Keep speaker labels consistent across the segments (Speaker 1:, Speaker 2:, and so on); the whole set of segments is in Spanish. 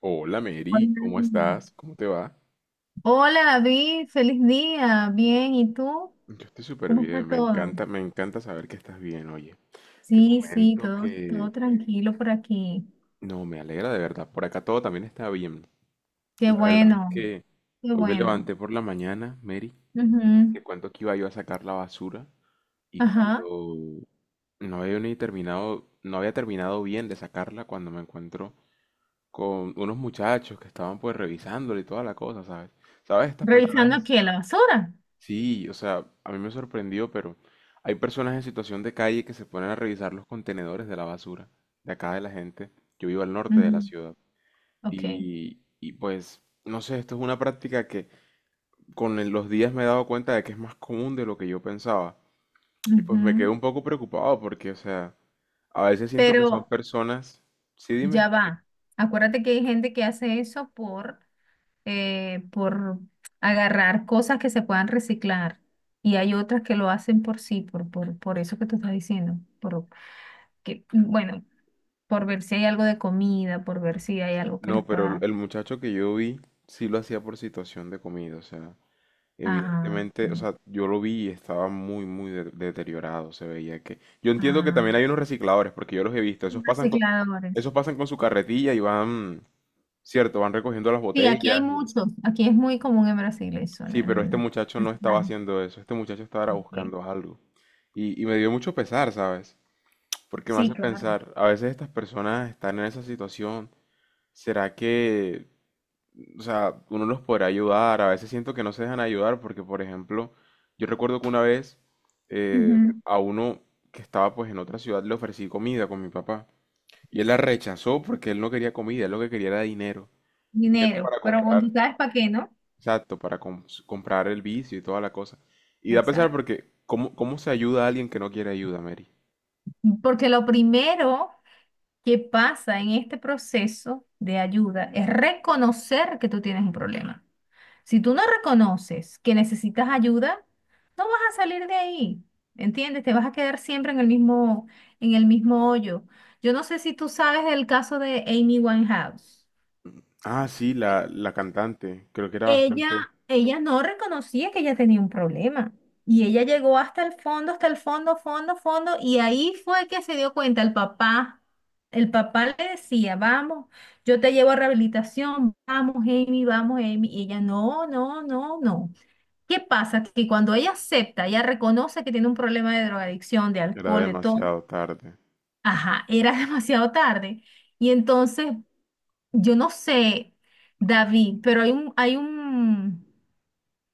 Speaker 1: Hola Mary,
Speaker 2: Hola.
Speaker 1: ¿cómo estás? ¿Cómo te va?
Speaker 2: Hola, David, feliz día. Bien, ¿y tú?
Speaker 1: Yo estoy súper
Speaker 2: ¿Cómo está
Speaker 1: bien, me
Speaker 2: todo?
Speaker 1: encanta, me encanta saber que estás bien, oye. Te
Speaker 2: Sí, sí,
Speaker 1: comento
Speaker 2: todo,
Speaker 1: que
Speaker 2: tranquilo por aquí.
Speaker 1: no, me alegra de verdad, por acá todo también está bien.
Speaker 2: Qué
Speaker 1: La verdad es
Speaker 2: bueno,
Speaker 1: que
Speaker 2: qué
Speaker 1: hoy me
Speaker 2: bueno.
Speaker 1: levanté por la mañana, Mary,
Speaker 2: Ujú.
Speaker 1: que cuento que iba yo a sacar la basura y
Speaker 2: Ajá.
Speaker 1: cuando no había ni terminado, no había terminado bien de sacarla cuando me encuentro con unos muchachos que estaban pues revisándola y toda la cosa, ¿sabes? ¿Sabes? Estas
Speaker 2: ¿Revisando
Speaker 1: personas
Speaker 2: qué? ¿La basura?
Speaker 1: sí, o sea, a mí me sorprendió, pero hay personas en situación de calle que se ponen a revisar los contenedores de la basura de acá de la gente. Yo vivo al norte de la
Speaker 2: Ujú.
Speaker 1: ciudad
Speaker 2: Ok.
Speaker 1: y pues, no sé, esto es una práctica que con los días me he dado cuenta de que es más común de lo que yo pensaba. Y pues me quedo
Speaker 2: Ujú.
Speaker 1: un poco preocupado porque, o sea, a veces siento que son
Speaker 2: Pero
Speaker 1: personas... Sí, dime.
Speaker 2: ya va. Acuérdate que hay gente que hace eso por agarrar cosas que se puedan reciclar. Y hay otras que lo hacen por sí, por eso que tú estás diciendo, por, que, bueno, por ver si hay algo de comida, por ver si hay algo que les
Speaker 1: No, pero
Speaker 2: pueda...
Speaker 1: el muchacho que yo vi sí lo hacía por situación de comida, o sea,
Speaker 2: Ajá, sí,
Speaker 1: evidentemente, o sea, yo lo vi y estaba muy deteriorado, se veía que... Yo entiendo que
Speaker 2: ah,
Speaker 1: también hay unos recicladores, porque yo los he visto,
Speaker 2: recicladores.
Speaker 1: esos pasan con su carretilla y van, cierto, van recogiendo las
Speaker 2: Sí, aquí hay
Speaker 1: botellas. Y
Speaker 2: muchos. Aquí es muy común en Brasil eso,
Speaker 1: sí, pero este
Speaker 2: el
Speaker 1: muchacho no estaba
Speaker 2: reciclaje.
Speaker 1: haciendo eso, este muchacho estaba
Speaker 2: Ok.
Speaker 1: buscando algo. Y me dio mucho pesar, ¿sabes? Porque me
Speaker 2: Sí,
Speaker 1: hace
Speaker 2: claro.
Speaker 1: pensar, a veces estas personas están en esa situación, ¿será que o sea, uno los podrá ayudar? A veces siento que no se dejan ayudar porque, por ejemplo, yo recuerdo que una vez eh,
Speaker 2: Ujú.
Speaker 1: a uno que estaba pues en otra ciudad le ofrecí comida con mi papá y él la rechazó porque él no quería comida, él lo que quería era dinero. Dinero
Speaker 2: Dinero,
Speaker 1: para
Speaker 2: pero bueno,
Speaker 1: comprar,
Speaker 2: tú sabes para qué, ¿no?
Speaker 1: exacto, para comprar el vicio y toda la cosa. Y da pesar
Speaker 2: Exacto.
Speaker 1: porque, ¿cómo, cómo se ayuda a alguien que no quiere ayuda, Mary?
Speaker 2: Porque lo primero que pasa en este proceso de ayuda es reconocer que tú tienes un problema. Si tú no reconoces que necesitas ayuda, no vas a salir de ahí, ¿entiendes? Te vas a quedar siempre en el mismo hoyo. Yo no sé si tú sabes del caso de Amy Winehouse.
Speaker 1: Ah, sí,
Speaker 2: ¿Sí?
Speaker 1: la cantante. Creo que era
Speaker 2: Ella,
Speaker 1: bastante,
Speaker 2: Ella no reconocía que ella tenía un problema y ella llegó hasta el fondo, fondo, fondo, y ahí fue que se dio cuenta el papá. El papá le decía, vamos, yo te llevo a rehabilitación, vamos, Amy, vamos, Amy. Y ella, no, no, no, no. ¿Qué pasa? Que cuando ella acepta, ella reconoce que tiene un problema de drogadicción, de
Speaker 1: era
Speaker 2: alcohol, de todo.
Speaker 1: demasiado tarde.
Speaker 2: Ajá, era demasiado tarde. Y entonces, yo no sé, David, pero hay un,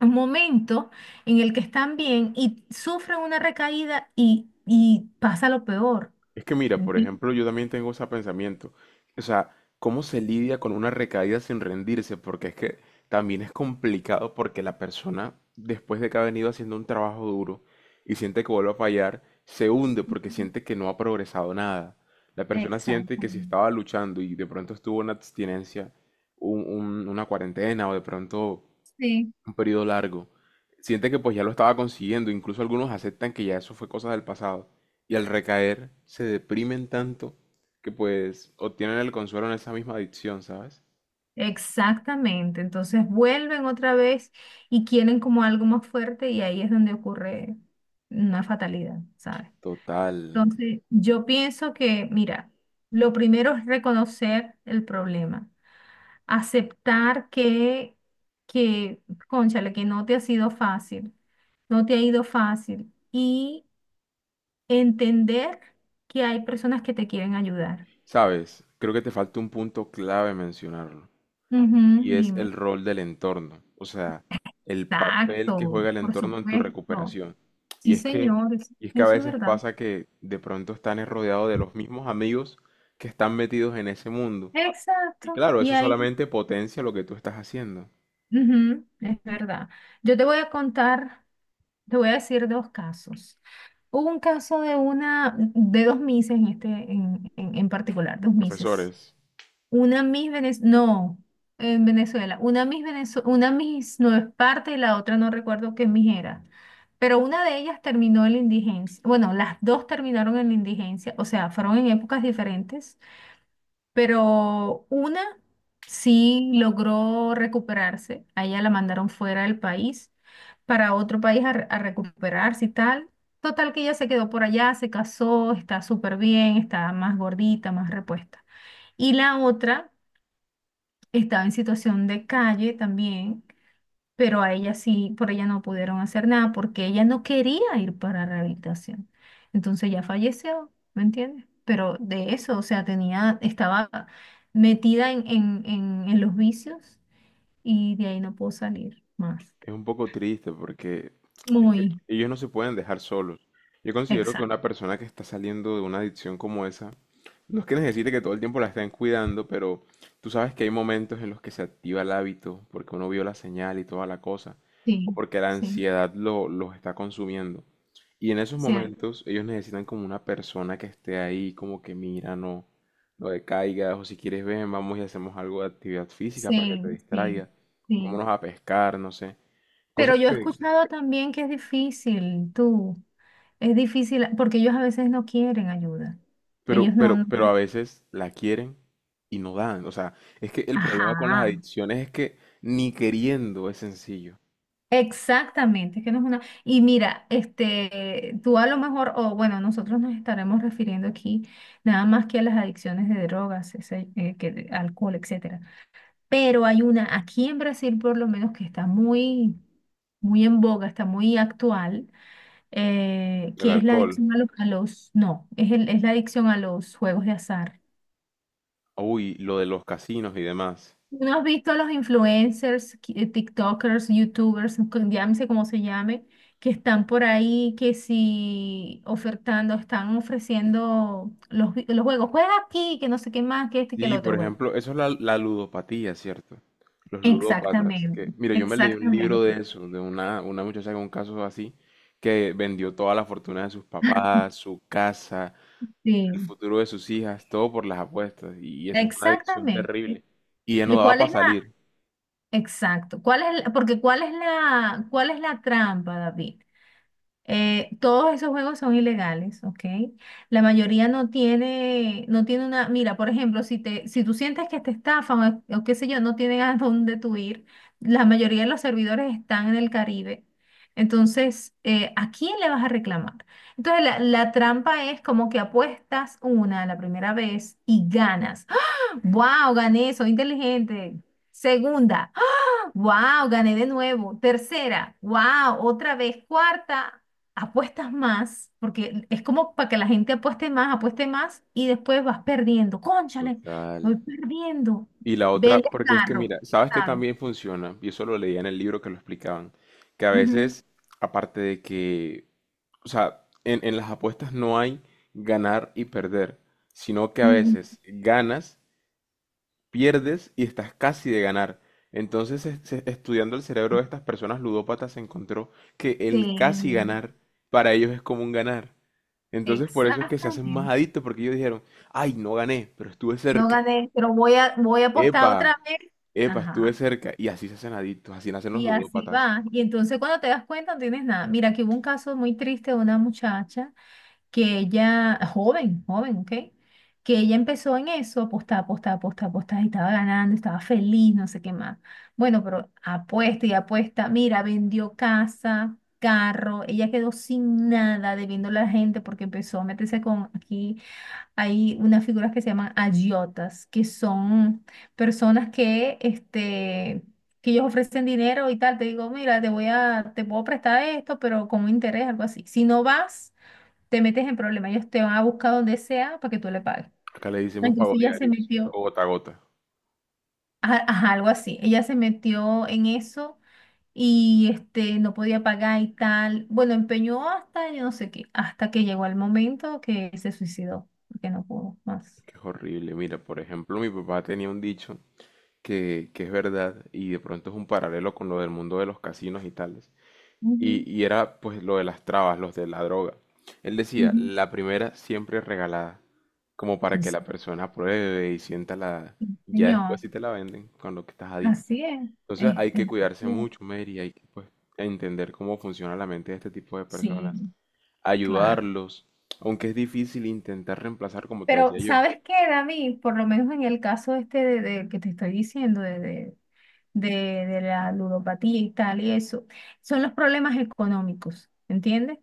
Speaker 2: un momento en el que están bien y sufren una recaída y, pasa lo peor.
Speaker 1: Es que mira, por
Speaker 2: ¿Entiendes?
Speaker 1: ejemplo, yo también tengo ese pensamiento. O sea, ¿cómo se lidia con una recaída sin rendirse? Porque es que también es complicado porque la persona, después de que ha venido haciendo un trabajo duro y siente que vuelve a fallar, se hunde porque siente que no ha progresado nada. La persona siente
Speaker 2: Exacto.
Speaker 1: que si estaba luchando y de pronto estuvo una abstinencia, una cuarentena o de pronto un periodo largo. Siente que pues ya lo estaba consiguiendo, incluso algunos aceptan que ya eso fue cosa del pasado. Y al recaer se deprimen tanto que pues obtienen el consuelo en esa misma adicción, ¿sabes?
Speaker 2: Exactamente, entonces vuelven otra vez y quieren como algo más fuerte y ahí es donde ocurre una fatalidad, ¿sabes?
Speaker 1: Total.
Speaker 2: Entonces, yo pienso que, mira, lo primero es reconocer el problema, aceptar que, cónchale, que no te ha sido fácil, no te ha ido fácil y entender que hay personas que te quieren ayudar.
Speaker 1: ¿Sabes? Creo que te falta un punto clave mencionarlo.
Speaker 2: Ujú,
Speaker 1: Y es el
Speaker 2: dime.
Speaker 1: rol del entorno. O sea, el papel que
Speaker 2: Exacto,
Speaker 1: juega el
Speaker 2: por
Speaker 1: entorno en tu
Speaker 2: supuesto.
Speaker 1: recuperación. Y
Speaker 2: Sí,
Speaker 1: es que,
Speaker 2: señor,
Speaker 1: y es que a
Speaker 2: eso es
Speaker 1: veces
Speaker 2: verdad.
Speaker 1: pasa que de pronto están rodeados de los mismos amigos que están metidos en ese mundo. Y
Speaker 2: Exacto.
Speaker 1: claro,
Speaker 2: Y
Speaker 1: eso
Speaker 2: ahí,
Speaker 1: solamente potencia lo que tú estás haciendo.
Speaker 2: ujú, es verdad. Yo te voy a contar, te voy a decir dos casos. Hubo un caso de una, de dos mises en este, en particular, dos mises.
Speaker 1: Profesores,
Speaker 2: Una Miss Venezuela, no, en Venezuela. Una Miss Venezuela, una Miss no es parte y la otra no recuerdo qué Miss era. Pero una de ellas terminó en la indigencia. Bueno, las dos terminaron en la indigencia, o sea, fueron en épocas diferentes, pero una sí logró recuperarse. A ella la mandaron fuera del país para otro país a, a recuperarse y tal. Total que ella se quedó por allá, se casó, está súper bien, está más gordita, más repuesta. Y la otra estaba en situación de calle también, pero a ella sí, por ella no pudieron hacer nada porque ella no quería ir para rehabilitación. Entonces ya falleció, ¿me entiendes? Pero de eso, o sea, tenía, estaba metida en los vicios y de ahí no pudo salir más.
Speaker 1: es un poco triste porque
Speaker 2: Muy
Speaker 1: ellos no se pueden dejar solos. Yo considero que una
Speaker 2: exacto.
Speaker 1: persona que está saliendo de una adicción como esa, no es que necesite que todo el tiempo la estén cuidando, pero tú sabes que hay momentos en los que se activa el hábito, porque uno vio la señal y toda la cosa, o
Speaker 2: Sí,
Speaker 1: porque la
Speaker 2: sí,
Speaker 1: ansiedad lo, los está consumiendo. Y en esos
Speaker 2: cierto.
Speaker 1: momentos ellos necesitan como una persona que esté ahí, como que mira, no, no decaigas, o si quieres ven, vamos y hacemos algo de actividad física para que
Speaker 2: Sí,
Speaker 1: te
Speaker 2: sí,
Speaker 1: distraiga,
Speaker 2: sí.
Speaker 1: vámonos a pescar, no sé.
Speaker 2: Pero
Speaker 1: Cosas
Speaker 2: yo he
Speaker 1: que,
Speaker 2: escuchado también que es difícil, tú. Es difícil porque ellos a veces no quieren ayuda.
Speaker 1: Pero,
Speaker 2: Ellos no.
Speaker 1: pero, pero a veces la quieren y no dan. O sea, es que el problema con las
Speaker 2: Ajá.
Speaker 1: adicciones es que ni queriendo es sencillo.
Speaker 2: Exactamente, es que no es una. Y mira, este, tú a lo mejor, o bueno, nosotros nos estaremos refiriendo aquí nada más que a las adicciones de drogas, ese, de alcohol, etcétera. Pero hay una aquí en Brasil, por lo menos, que está muy, muy en boga, está muy actual,
Speaker 1: El
Speaker 2: que es la
Speaker 1: alcohol.
Speaker 2: adicción a los, no, es el- es la adicción a los juegos de azar.
Speaker 1: Uy, lo de los casinos y demás.
Speaker 2: ¿No has visto los influencers, TikTokers, YouTubers, llámese como se llame, que están por ahí, que si ofertando, están ofreciendo los, los juegos, juega aquí, que no sé qué más, que este y que el
Speaker 1: Sí, por
Speaker 2: otro, bueno.
Speaker 1: ejemplo, eso es la, la ludopatía, ¿cierto? Los ludópatas. Que,
Speaker 2: Exactamente,
Speaker 1: mira, yo me leí un libro de
Speaker 2: exactamente,
Speaker 1: eso, de una muchacha con un caso así, que vendió toda la fortuna de sus papás, su casa, el
Speaker 2: sí,
Speaker 1: futuro de sus hijas, todo por las apuestas. Y eso es una adicción
Speaker 2: exactamente.
Speaker 1: terrible. Y ya no daba
Speaker 2: ¿Cuál
Speaker 1: para
Speaker 2: es la,
Speaker 1: salir.
Speaker 2: exacto, cuál es, el- porque cuál es la trampa, David? Todos esos juegos son ilegales, ¿ok? La mayoría no tiene, no tiene una, mira, por ejemplo, si te, si tú sientes que te estafan o qué sé yo, no tienen a dónde tú ir, la mayoría de los servidores están en el Caribe. Entonces, ¿a quién le vas a reclamar? Entonces, la trampa es como que apuestas una la primera vez y ganas. ¡Ah! ¡Wow! Gané, soy inteligente. Segunda. Wow, gané de nuevo. Tercera, wow, otra vez. Cuarta, apuestas más, porque es como para que la gente apueste más y después vas perdiendo. Cónchale,
Speaker 1: Total.
Speaker 2: voy perdiendo.
Speaker 1: Y la otra,
Speaker 2: Vendes
Speaker 1: porque es que
Speaker 2: carro,
Speaker 1: mira, sabes que
Speaker 2: ¿sabes?
Speaker 1: también funciona, y eso lo leía en el libro que lo explicaban, que a
Speaker 2: Ujú,
Speaker 1: veces, aparte de que, o sea, en las apuestas no hay ganar y perder, sino que a
Speaker 2: ujú.
Speaker 1: veces ganas, pierdes y estás casi de ganar. Entonces, estudiando el cerebro de estas personas ludópatas, se encontró que el casi
Speaker 2: Sí,
Speaker 1: ganar para ellos es como un ganar. Entonces, por eso es que se hacen más
Speaker 2: exactamente.
Speaker 1: adictos, porque ellos dijeron, ay, no gané, pero estuve
Speaker 2: No
Speaker 1: cerca.
Speaker 2: gané, pero voy a apostar
Speaker 1: Epa,
Speaker 2: otra vez.
Speaker 1: epa, estuve
Speaker 2: Ajá.
Speaker 1: cerca. Y así se hacen adictos, así nacen los
Speaker 2: Y así
Speaker 1: ludópatas.
Speaker 2: va. Y entonces cuando te das cuenta no tienes nada. Mira, que hubo un caso muy triste de una muchacha que ella, ah, joven, joven, ¿ok? Que ella empezó en eso, apostar, apostar, apostar, apostar, y estaba ganando, estaba feliz, no sé qué más. Bueno, pero apuesta y apuesta, mira, vendió casa, carro, ella quedó sin nada debiéndole a la gente porque empezó a meterse con, aquí hay unas figuras que se llaman agiotas, que son personas que, este... que ellos ofrecen dinero y tal, te digo, mira, te puedo prestar esto, pero con un interés, algo así. Si no vas, te metes en problemas, ellos te van a buscar donde sea para que tú le pagues.
Speaker 1: Acá le decimos
Speaker 2: Entonces
Speaker 1: pago
Speaker 2: ella se
Speaker 1: diarios,
Speaker 2: metió,
Speaker 1: o gota a gota,
Speaker 2: ajá, ajá, algo así, ella se metió en eso y este, no podía pagar y tal. Bueno, empeñó hasta yo no sé qué, hasta que llegó el momento que se suicidó, porque no pudo más.
Speaker 1: que es horrible. Mira, por ejemplo, mi papá tenía un dicho que es verdad y de pronto es un paralelo con lo del mundo de los casinos y tales.
Speaker 2: Ujú,
Speaker 1: Y era pues lo de las trabas, los de la droga. Él decía,
Speaker 2: ujú.
Speaker 1: la primera siempre es regalada, como para
Speaker 2: Sí,
Speaker 1: que
Speaker 2: sí.
Speaker 1: la persona pruebe y sienta la...
Speaker 2: Sí,
Speaker 1: Ya después
Speaker 2: Señor,
Speaker 1: si te la venden, con lo que estás adicto.
Speaker 2: así es.
Speaker 1: Entonces hay que cuidarse
Speaker 2: Así es.
Speaker 1: mucho, Mary, hay que pues, entender cómo funciona la mente de este tipo de
Speaker 2: Sí,
Speaker 1: personas,
Speaker 2: claro.
Speaker 1: ayudarlos, aunque es difícil intentar reemplazar, como te
Speaker 2: Pero,
Speaker 1: decía yo.
Speaker 2: ¿sabes qué, David? Por lo menos en el caso este de que te estoy diciendo, de la ludopatía y tal, y eso, son los problemas económicos, ¿entiendes?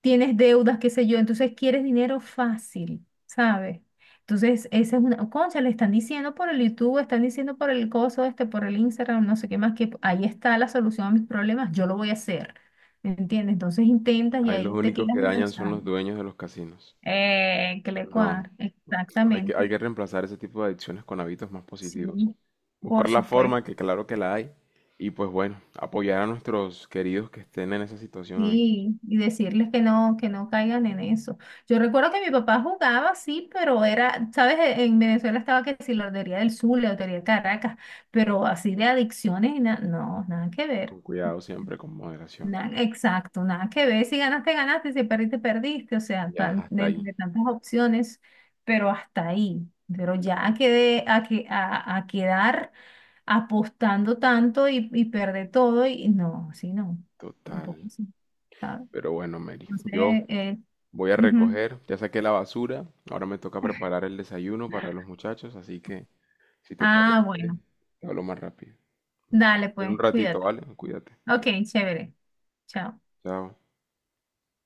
Speaker 2: Tienes deudas, qué sé yo, entonces quieres dinero fácil, ¿sabes? Entonces, esa es una, concha, le están diciendo por el YouTube, están diciendo por el coso este, por el Instagram, no sé qué más, que ahí está la solución a mis problemas, yo lo voy a hacer, ¿me entiendes? Entonces intentas y
Speaker 1: Ahí los
Speaker 2: ahí te
Speaker 1: únicos
Speaker 2: quedas
Speaker 1: que dañan son
Speaker 2: enganchado.
Speaker 1: los dueños de los casinos.
Speaker 2: Que le
Speaker 1: No,
Speaker 2: cuadra,
Speaker 1: hay que, hay
Speaker 2: exactamente,
Speaker 1: que reemplazar ese tipo de adicciones con hábitos más positivos.
Speaker 2: sí, por
Speaker 1: Buscar la forma,
Speaker 2: supuesto.
Speaker 1: que claro que la hay, y pues bueno, apoyar a nuestros queridos que estén en esa situación hoy,
Speaker 2: Sí, y decirles que no caigan en eso. Yo recuerdo que mi papá jugaba, sí, pero era, sabes, en Venezuela estaba que si la Lotería del Sur, la Lotería de Caracas, pero así de adicciones y no, nada que ver.
Speaker 1: con cuidado siempre, con moderación.
Speaker 2: Nada, exacto, nada que ver. Si ganaste, ganaste, si perdiste, perdiste. O sea,
Speaker 1: Ya,
Speaker 2: tan,
Speaker 1: hasta
Speaker 2: de
Speaker 1: ahí,
Speaker 2: entre tantas opciones, pero hasta ahí. Pero ya a, a quedar apostando tanto y, perder todo, y no, sí, no, un poco
Speaker 1: total.
Speaker 2: sí.
Speaker 1: Pero bueno, Mary,
Speaker 2: No
Speaker 1: yo
Speaker 2: sé,
Speaker 1: voy a
Speaker 2: ujú.
Speaker 1: recoger, ya saqué la basura, ahora me toca preparar el desayuno para los muchachos, así que si te
Speaker 2: Ah,
Speaker 1: parece,
Speaker 2: bueno.
Speaker 1: te hablo más rápido.
Speaker 2: Dale,
Speaker 1: En un
Speaker 2: pues,
Speaker 1: ratito,
Speaker 2: cuídate.
Speaker 1: ¿vale? Cuídate.
Speaker 2: Ok, chévere. Chao.
Speaker 1: Chao.